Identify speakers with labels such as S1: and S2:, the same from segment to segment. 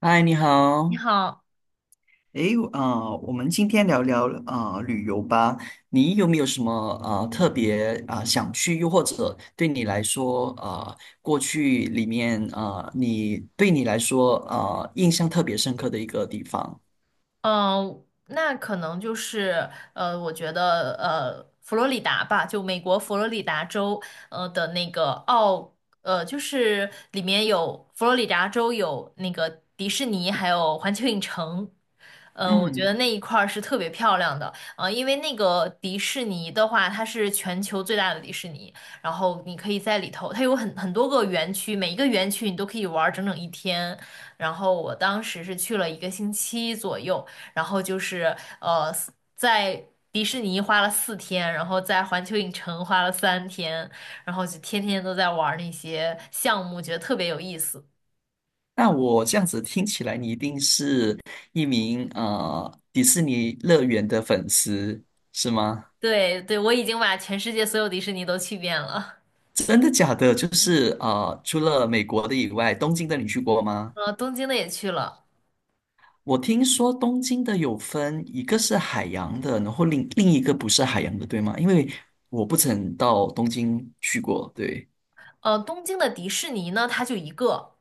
S1: 嗨，你
S2: 你
S1: 好。
S2: 好，
S1: 诶，啊、我们今天聊聊啊、旅游吧。你有没有什么啊特别啊、想去，又或者对你来说啊、过去里面啊、你来说啊、印象特别深刻的一个地方？
S2: 嗯，那可能就是我觉得佛罗里达吧，就美国佛罗里达州的那个奥呃，就是里面有佛罗里达州有那个迪士尼，还有环球影城。我觉得
S1: 嗯，
S2: 那一块儿是特别漂亮的，因为那个迪士尼的话，它是全球最大的迪士尼，然后你可以在里头，它有很多个园区，每一个园区你都可以玩儿整整一天。然后我当时是去了一个星期左右，然后就是在迪士尼花了4天，然后在环球影城花了3天，然后就天天都在玩儿那些项目，觉得特别有意思。
S1: 那我这样子听起来，你一定是一名迪士尼乐园的粉丝，是吗？
S2: 对对，我已经把全世界所有迪士尼都去遍了，
S1: 真的假的？就是除了美国的以外，东京的你去过吗？
S2: 东京的也去了，
S1: 我听说东京的有分，一个是海洋的，然后另一个不是海洋的，对吗？因为我不曾到东京去过，对。
S2: 东京的迪士尼呢，它就一个。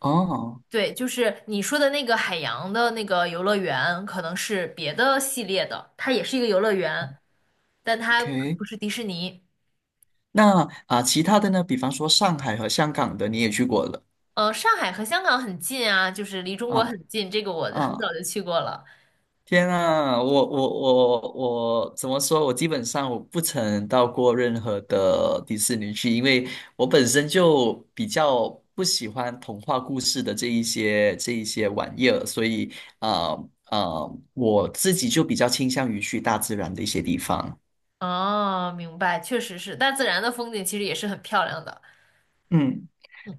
S1: 哦
S2: 对，就是你说的那个海洋的那个游乐园，可能是别的系列的，它也是一个游乐园，但它
S1: ，OK,
S2: 不是迪士尼。
S1: 那啊、其他的呢？比方说上海和香港的，你也去过了，
S2: 上海和香港很近啊，就是离中国
S1: 啊
S2: 很近，这个我很
S1: 啊。
S2: 早就去过了。
S1: 天啊，我怎么说？我基本上我不曾到过任何的迪士尼去，因为我本身就比较不喜欢童话故事的这一些玩意儿，所以啊啊、我自己就比较倾向于去大自然的一些地方。
S2: 哦，明白，确实是，大自然的风景其实也是很漂亮的。
S1: 嗯。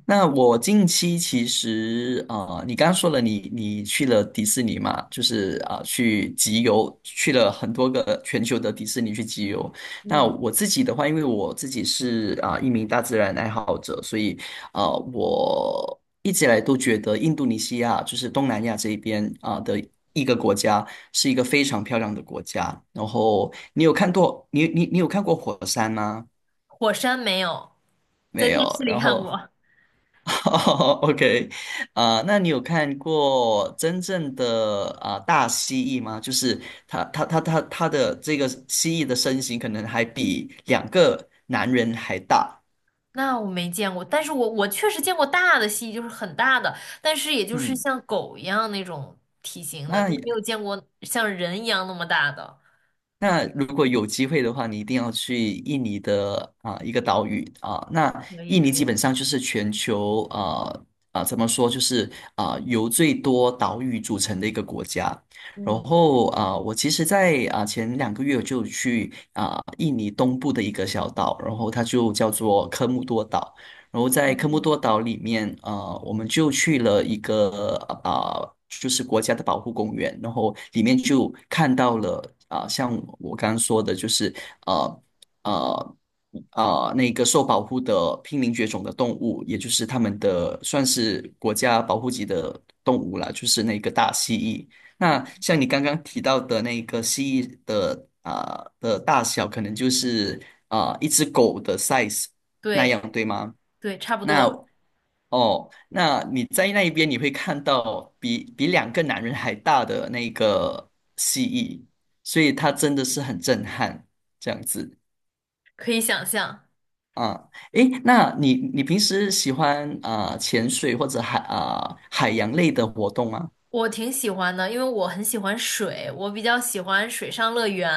S1: 那我近期其实你刚刚说了你去了迪士尼嘛，就是啊、去集邮，去了很多个全球的迪士尼去集邮。那
S2: 嗯，
S1: 我自己的话，因为我自己是啊、一名大自然爱好者，所以啊、我一直以来都觉得印度尼西亚就是东南亚这一边啊、的一个国家是一个非常漂亮的国家。然后你有看过火山吗？
S2: 火山没有，在
S1: 没有。
S2: 电视里
S1: 然
S2: 看
S1: 后
S2: 过，
S1: OK,啊、那你有看过真正的啊、大蜥蜴吗？就是它的这个蜥蜴的身形可能还比两个男人还大。
S2: 那我没见过，但是我确实见过大的蜥蜴，就是很大的，但是也就是
S1: 嗯，
S2: 像狗一样那种体型的，但没有
S1: 那
S2: 见过像人一样那么大的。
S1: 那如果有机会的话，你一定要去印尼的啊、一个岛屿啊、那
S2: 可以
S1: 印尼
S2: 可
S1: 基本
S2: 以，
S1: 上就是全球怎么说，就是啊、由最多岛屿组成的一个国家。然
S2: 嗯，
S1: 后啊、我其实在啊、前2个月我就去啊、印尼东部的一个小岛，然后它就叫做科穆多岛。然后在科莫
S2: 嗯
S1: 多岛里面，我们就去了一个就是国家的保护公园，然后里面就看到了啊、像我刚刚说的，就是呃呃那个受保护的濒临绝种的动物，也就是他们的算是国家保护级的动物啦，就是那个大蜥蜴。那像你刚刚提到的那个蜥蜴的啊、的大小，可能就是啊、一只狗的 size 那
S2: 对
S1: 样，对吗？
S2: 对，差不
S1: 那
S2: 多，
S1: 哦，那你在那一边你会看到比两个男人还大的那个蜥蜴，所以它真的是很震撼，这样子
S2: 可以想象。
S1: 啊。诶，那你平时喜欢啊、潜水或者海洋类的活动吗？
S2: 我挺喜欢的，因为我很喜欢水，我比较喜欢水上乐园，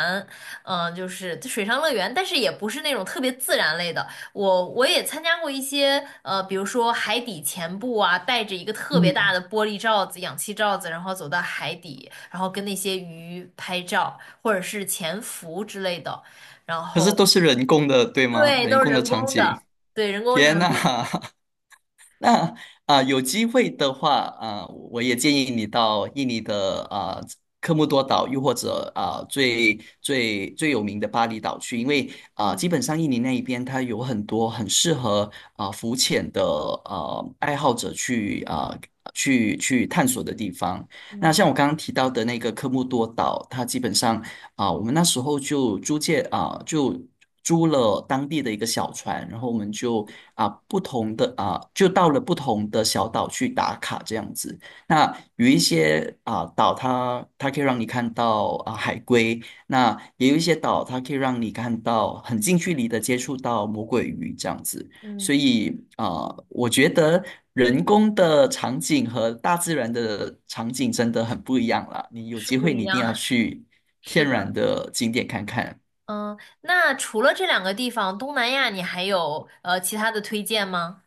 S2: 就是水上乐园，但是也不是那种特别自然类的。我也参加过一些，比如说海底潜步啊，带着一个特别大的玻璃罩子、氧气罩子，然后走到海底，然后跟那些鱼拍照，或者是潜伏之类的。然
S1: 可是都
S2: 后，
S1: 是人工的，对吗？
S2: 对，
S1: 人
S2: 都是
S1: 工的
S2: 人
S1: 场
S2: 工的，
S1: 景，
S2: 对，人工
S1: 天
S2: 场
S1: 呐！
S2: 景，
S1: 那啊、有机会的话啊、我也建议你到印尼的啊、科莫多岛，又或者啊、最最最有名的巴厘岛去，因为啊、
S2: 嗯
S1: 基本上印尼那一边它有很多很适合啊、浮潜的爱好者去啊、去探索的地方。那
S2: 嗯
S1: 像我刚刚提到的那个科莫多岛，它基本上啊，我们那时候就租借啊，就租了当地的一个小船，然后我们就啊不同的啊，就到了不同的小岛去打卡这样子。那有一些啊岛它可以让你看到啊海龟，那也有一些岛它可以让你看到很近距离的接触到魔鬼鱼这样子。
S2: 嗯，
S1: 所以啊，我觉得人工的场景和大自然的场景真的很不一样啦。你有
S2: 是
S1: 机
S2: 不
S1: 会，
S2: 一
S1: 你一定要
S2: 样，
S1: 去
S2: 是
S1: 天然
S2: 的。
S1: 的景点看看。
S2: 嗯，那除了这两个地方，东南亚你还有其他的推荐吗？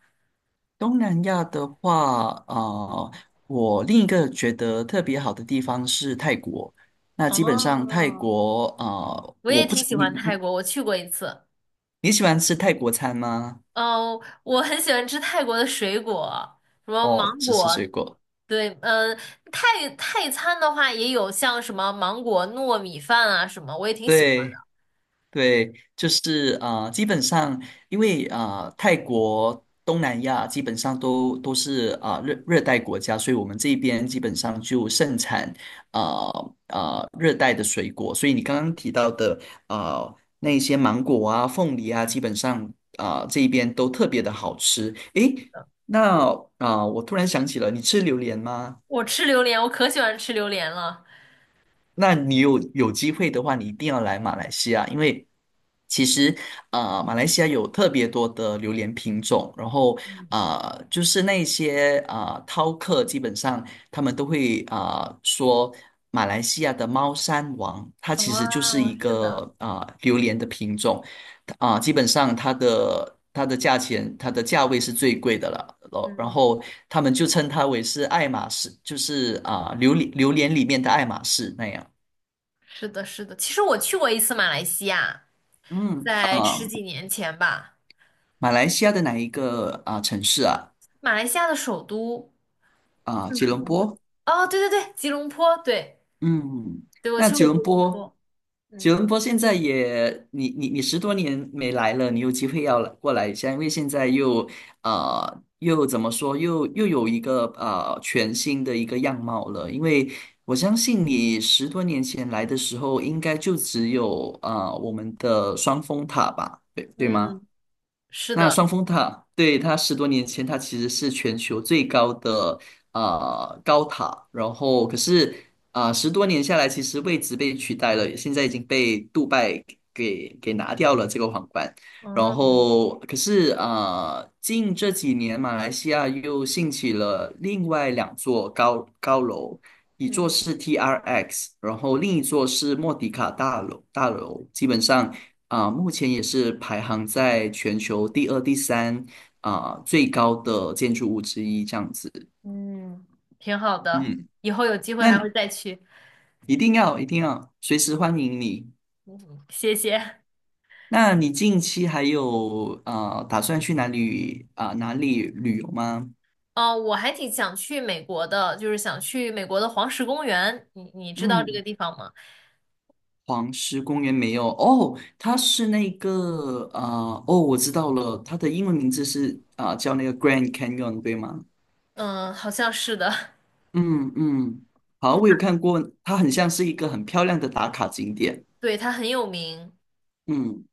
S1: 东南亚的话，啊，我另一个觉得特别好的地方是泰国。那基本上泰
S2: 哦，
S1: 国，啊，
S2: 我
S1: 我
S2: 也
S1: 不
S2: 挺
S1: 知
S2: 喜
S1: 你
S2: 欢泰
S1: 你
S2: 国，我去过一次。
S1: 你喜欢吃泰国餐吗？
S2: 哦，我很喜欢吃泰国的水果，什么芒
S1: 哦，只吃
S2: 果，
S1: 水果。
S2: 对，嗯，泰餐的话也有像什么芒果糯米饭啊什么，我也挺喜欢的。
S1: 对。对，就是啊、基本上因为啊、泰国、东南亚基本上都是啊、热带国家，所以我们这边基本上就盛产啊啊、热带的水果。所以你刚刚提到的那一些芒果啊、凤梨啊，基本上啊、这一边都特别的好吃。诶，那啊、我突然想起了，你吃榴莲吗？
S2: 我吃榴莲，我可喜欢吃榴莲了。
S1: 那你有机会的话，你一定要来马来西亚，因为其实马来西亚有特别多的榴莲品种，然后就是那些饕客，基本上他们都会啊说马来西亚的猫山王，它其实就是
S2: 哦，
S1: 一
S2: 是的，
S1: 个啊榴莲的品种，啊、基本上它的价钱，它的价位是最贵的了。哦然
S2: 嗯，
S1: 后他们就称它为是爱马仕，就是啊、榴莲里面的爱马仕那样。
S2: 是的，是的。其实我去过一次马来西亚，
S1: 嗯，
S2: 在十
S1: 啊，
S2: 几年前吧。
S1: 马来西亚的哪一个啊、城市啊？
S2: 马来西亚的首都
S1: 啊、
S2: 是
S1: 吉
S2: 什
S1: 隆
S2: 么来？
S1: 坡。
S2: 哦，对对对，吉隆坡，对
S1: 嗯，
S2: 对，我
S1: 那
S2: 去
S1: 吉
S2: 过吉
S1: 隆
S2: 隆
S1: 坡，
S2: 坡。
S1: 吉
S2: 嗯
S1: 隆坡现在也，你十多年没来了，你有机会要来过来一下，因为现在又怎么说，又有一个全新的一个样貌了。因为我相信你十多年前来的时候，应该就只有啊、我们的双峰塔吧，对对吗？
S2: 嗯是
S1: 那
S2: 的，
S1: 双峰塔，对，它十多年前，它其实是全球最高的高塔，然后可是啊、十多年下来，其实位置被取代了，现在已经被杜拜给拿掉了这个皇冠。然
S2: 嗯
S1: 后可是啊、近这几年马来西亚又兴起了另外2座高楼，一座
S2: 嗯，
S1: 是 TRX,然后另一座是莫迪卡大楼，基本上。啊、目前也是排行在全球第二、第三啊、最高的建筑物之一，这样子。
S2: 嗯，挺好的，
S1: 嗯，
S2: 以后有机会还
S1: 那
S2: 会再去。
S1: 一定要一定要随时欢迎你。
S2: 谢谢。
S1: 那你近期还有啊、打算去哪里旅游吗？
S2: 哦，我还挺想去美国的，就是想去美国的黄石公园，你知道这个
S1: 嗯，
S2: 地方吗？
S1: 黄石公园没有哦，它是那个啊、哦，我知道了，它的英文名字是啊、叫那个 Grand Canyon 对吗？
S2: 嗯，好像是的，
S1: 嗯嗯，好，我有看过，它很像是一个很漂亮的打卡景点。
S2: 对，它很有名。
S1: 嗯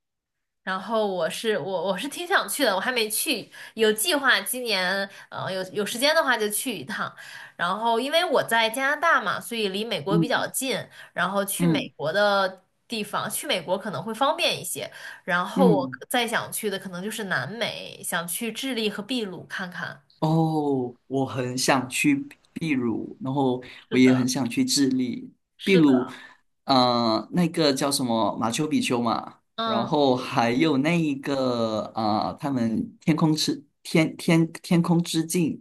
S2: 然后我是挺想去的，我还没去，有计划今年有时间的话就去一趟。然后因为我在加拿大嘛，所以离美国比较
S1: 嗯
S2: 近，然后去美
S1: 嗯
S2: 国的地方，去美国可能会方便一些。然后我
S1: 嗯，
S2: 可再想去的可能就是南美，想去智利和秘鲁看看。
S1: 哦，我很想去秘鲁，然后
S2: 是
S1: 我也很
S2: 的，
S1: 想去智利。秘
S2: 是
S1: 鲁，
S2: 的，
S1: 那个叫什么马丘比丘嘛，然
S2: 嗯
S1: 后还有那一个他们天空之镜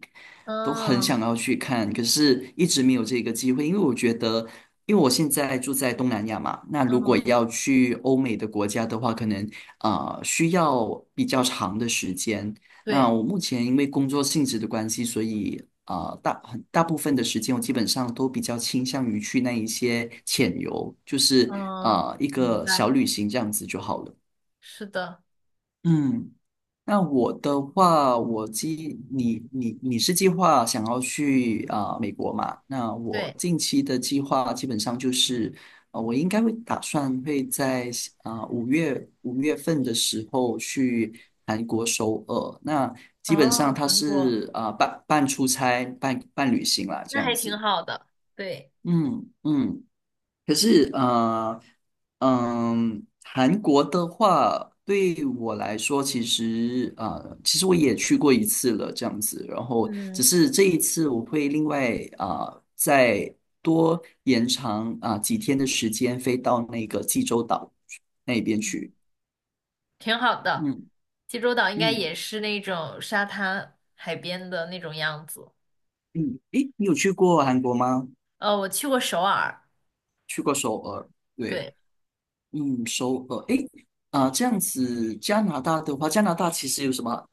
S1: 都很
S2: 嗯
S1: 想要去看，可是一直没有这个机会，因为我觉得，因为我现在住在东南亚嘛，那如果
S2: 嗯，
S1: 要去欧美的国家的话，可能啊需要比较长的时间。那
S2: 对，
S1: 我目前因为工作性质的关系，所以啊、很大部分的时间我基本上都比较倾向于去那一些浅游，就是
S2: 嗯，
S1: 啊、一
S2: 明
S1: 个
S2: 白，
S1: 小旅行这样子就好了。
S2: 是的，
S1: 嗯。那我的话，你是计划想要去啊、美国嘛？那我
S2: 对，
S1: 近期的计划基本上就是，我应该会打算会在啊五月份的时候去韩国首尔。那基本上
S2: 哦，
S1: 它
S2: 韩国，
S1: 是啊、半出差半旅行啦，这
S2: 那
S1: 样
S2: 还挺
S1: 子。
S2: 好的，对。
S1: 嗯嗯。可是，嗯，韩国的话，对我来说，其实，其实我也去过一次了，这样子。然后，
S2: 嗯
S1: 只是这一次我会另外啊、再多延长啊、几天的时间，飞到那个济州岛那边
S2: 嗯，
S1: 去。
S2: 挺好的。
S1: 嗯
S2: 济州岛应该
S1: 嗯
S2: 也是那种沙滩海边的那种样子。
S1: 嗯，诶，你有去过韩国吗？
S2: 我去过首尔，
S1: 去过首尔，对。
S2: 对，
S1: 嗯，首尔，诶，啊，这样子，加拿大的话，加拿大其实有什么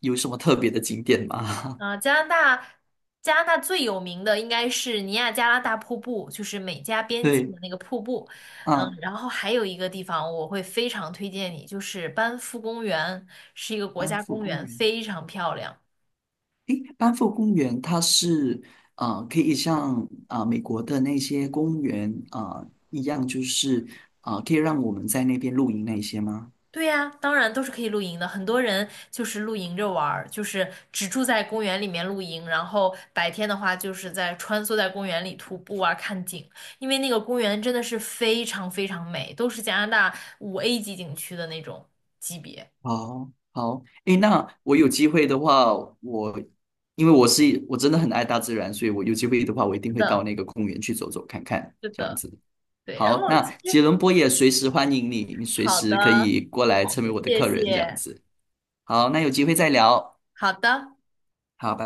S1: 有什么特别的景点吗？
S2: 啊、加拿大，加拿大最有名的应该是尼亚加拉大瀑布，就是美加 边境
S1: 对，
S2: 的那个瀑布。
S1: 啊，
S2: 然后还有一个地方我会非常推荐你，就是班夫公园，是一个国
S1: 班
S2: 家
S1: 夫
S2: 公
S1: 公
S2: 园，
S1: 园，
S2: 非常漂亮。
S1: 诶，班夫公园它是啊，可以像啊美国的那些公园啊一样，就是啊，可以让我们在那边露营那些吗？
S2: 对呀，当然都是可以露营的。很多人就是露营着玩儿，就是只住在公园里面露营，然后白天的话就是在穿梭在公园里徒步啊，看景。因为那个公园真的是非常非常美，都是加拿大5A 级景区的那种级别。
S1: 好，好，诶，那我有机会的话，我因为我是我真的很爱大自然，所以我有机会的话，我一
S2: 是
S1: 定会
S2: 的，
S1: 到那个公园去走走看看，
S2: 是
S1: 这样
S2: 的，
S1: 子。
S2: 对。然
S1: 好，
S2: 后
S1: 那
S2: 其
S1: 杰
S2: 实
S1: 伦波也随时欢迎你，你随
S2: 好
S1: 时可
S2: 的，
S1: 以过来
S2: 好
S1: 成为
S2: 的，
S1: 我的
S2: 谢
S1: 客人，这样
S2: 谢，
S1: 子。好，那有机会再聊。
S2: 好的。
S1: 好。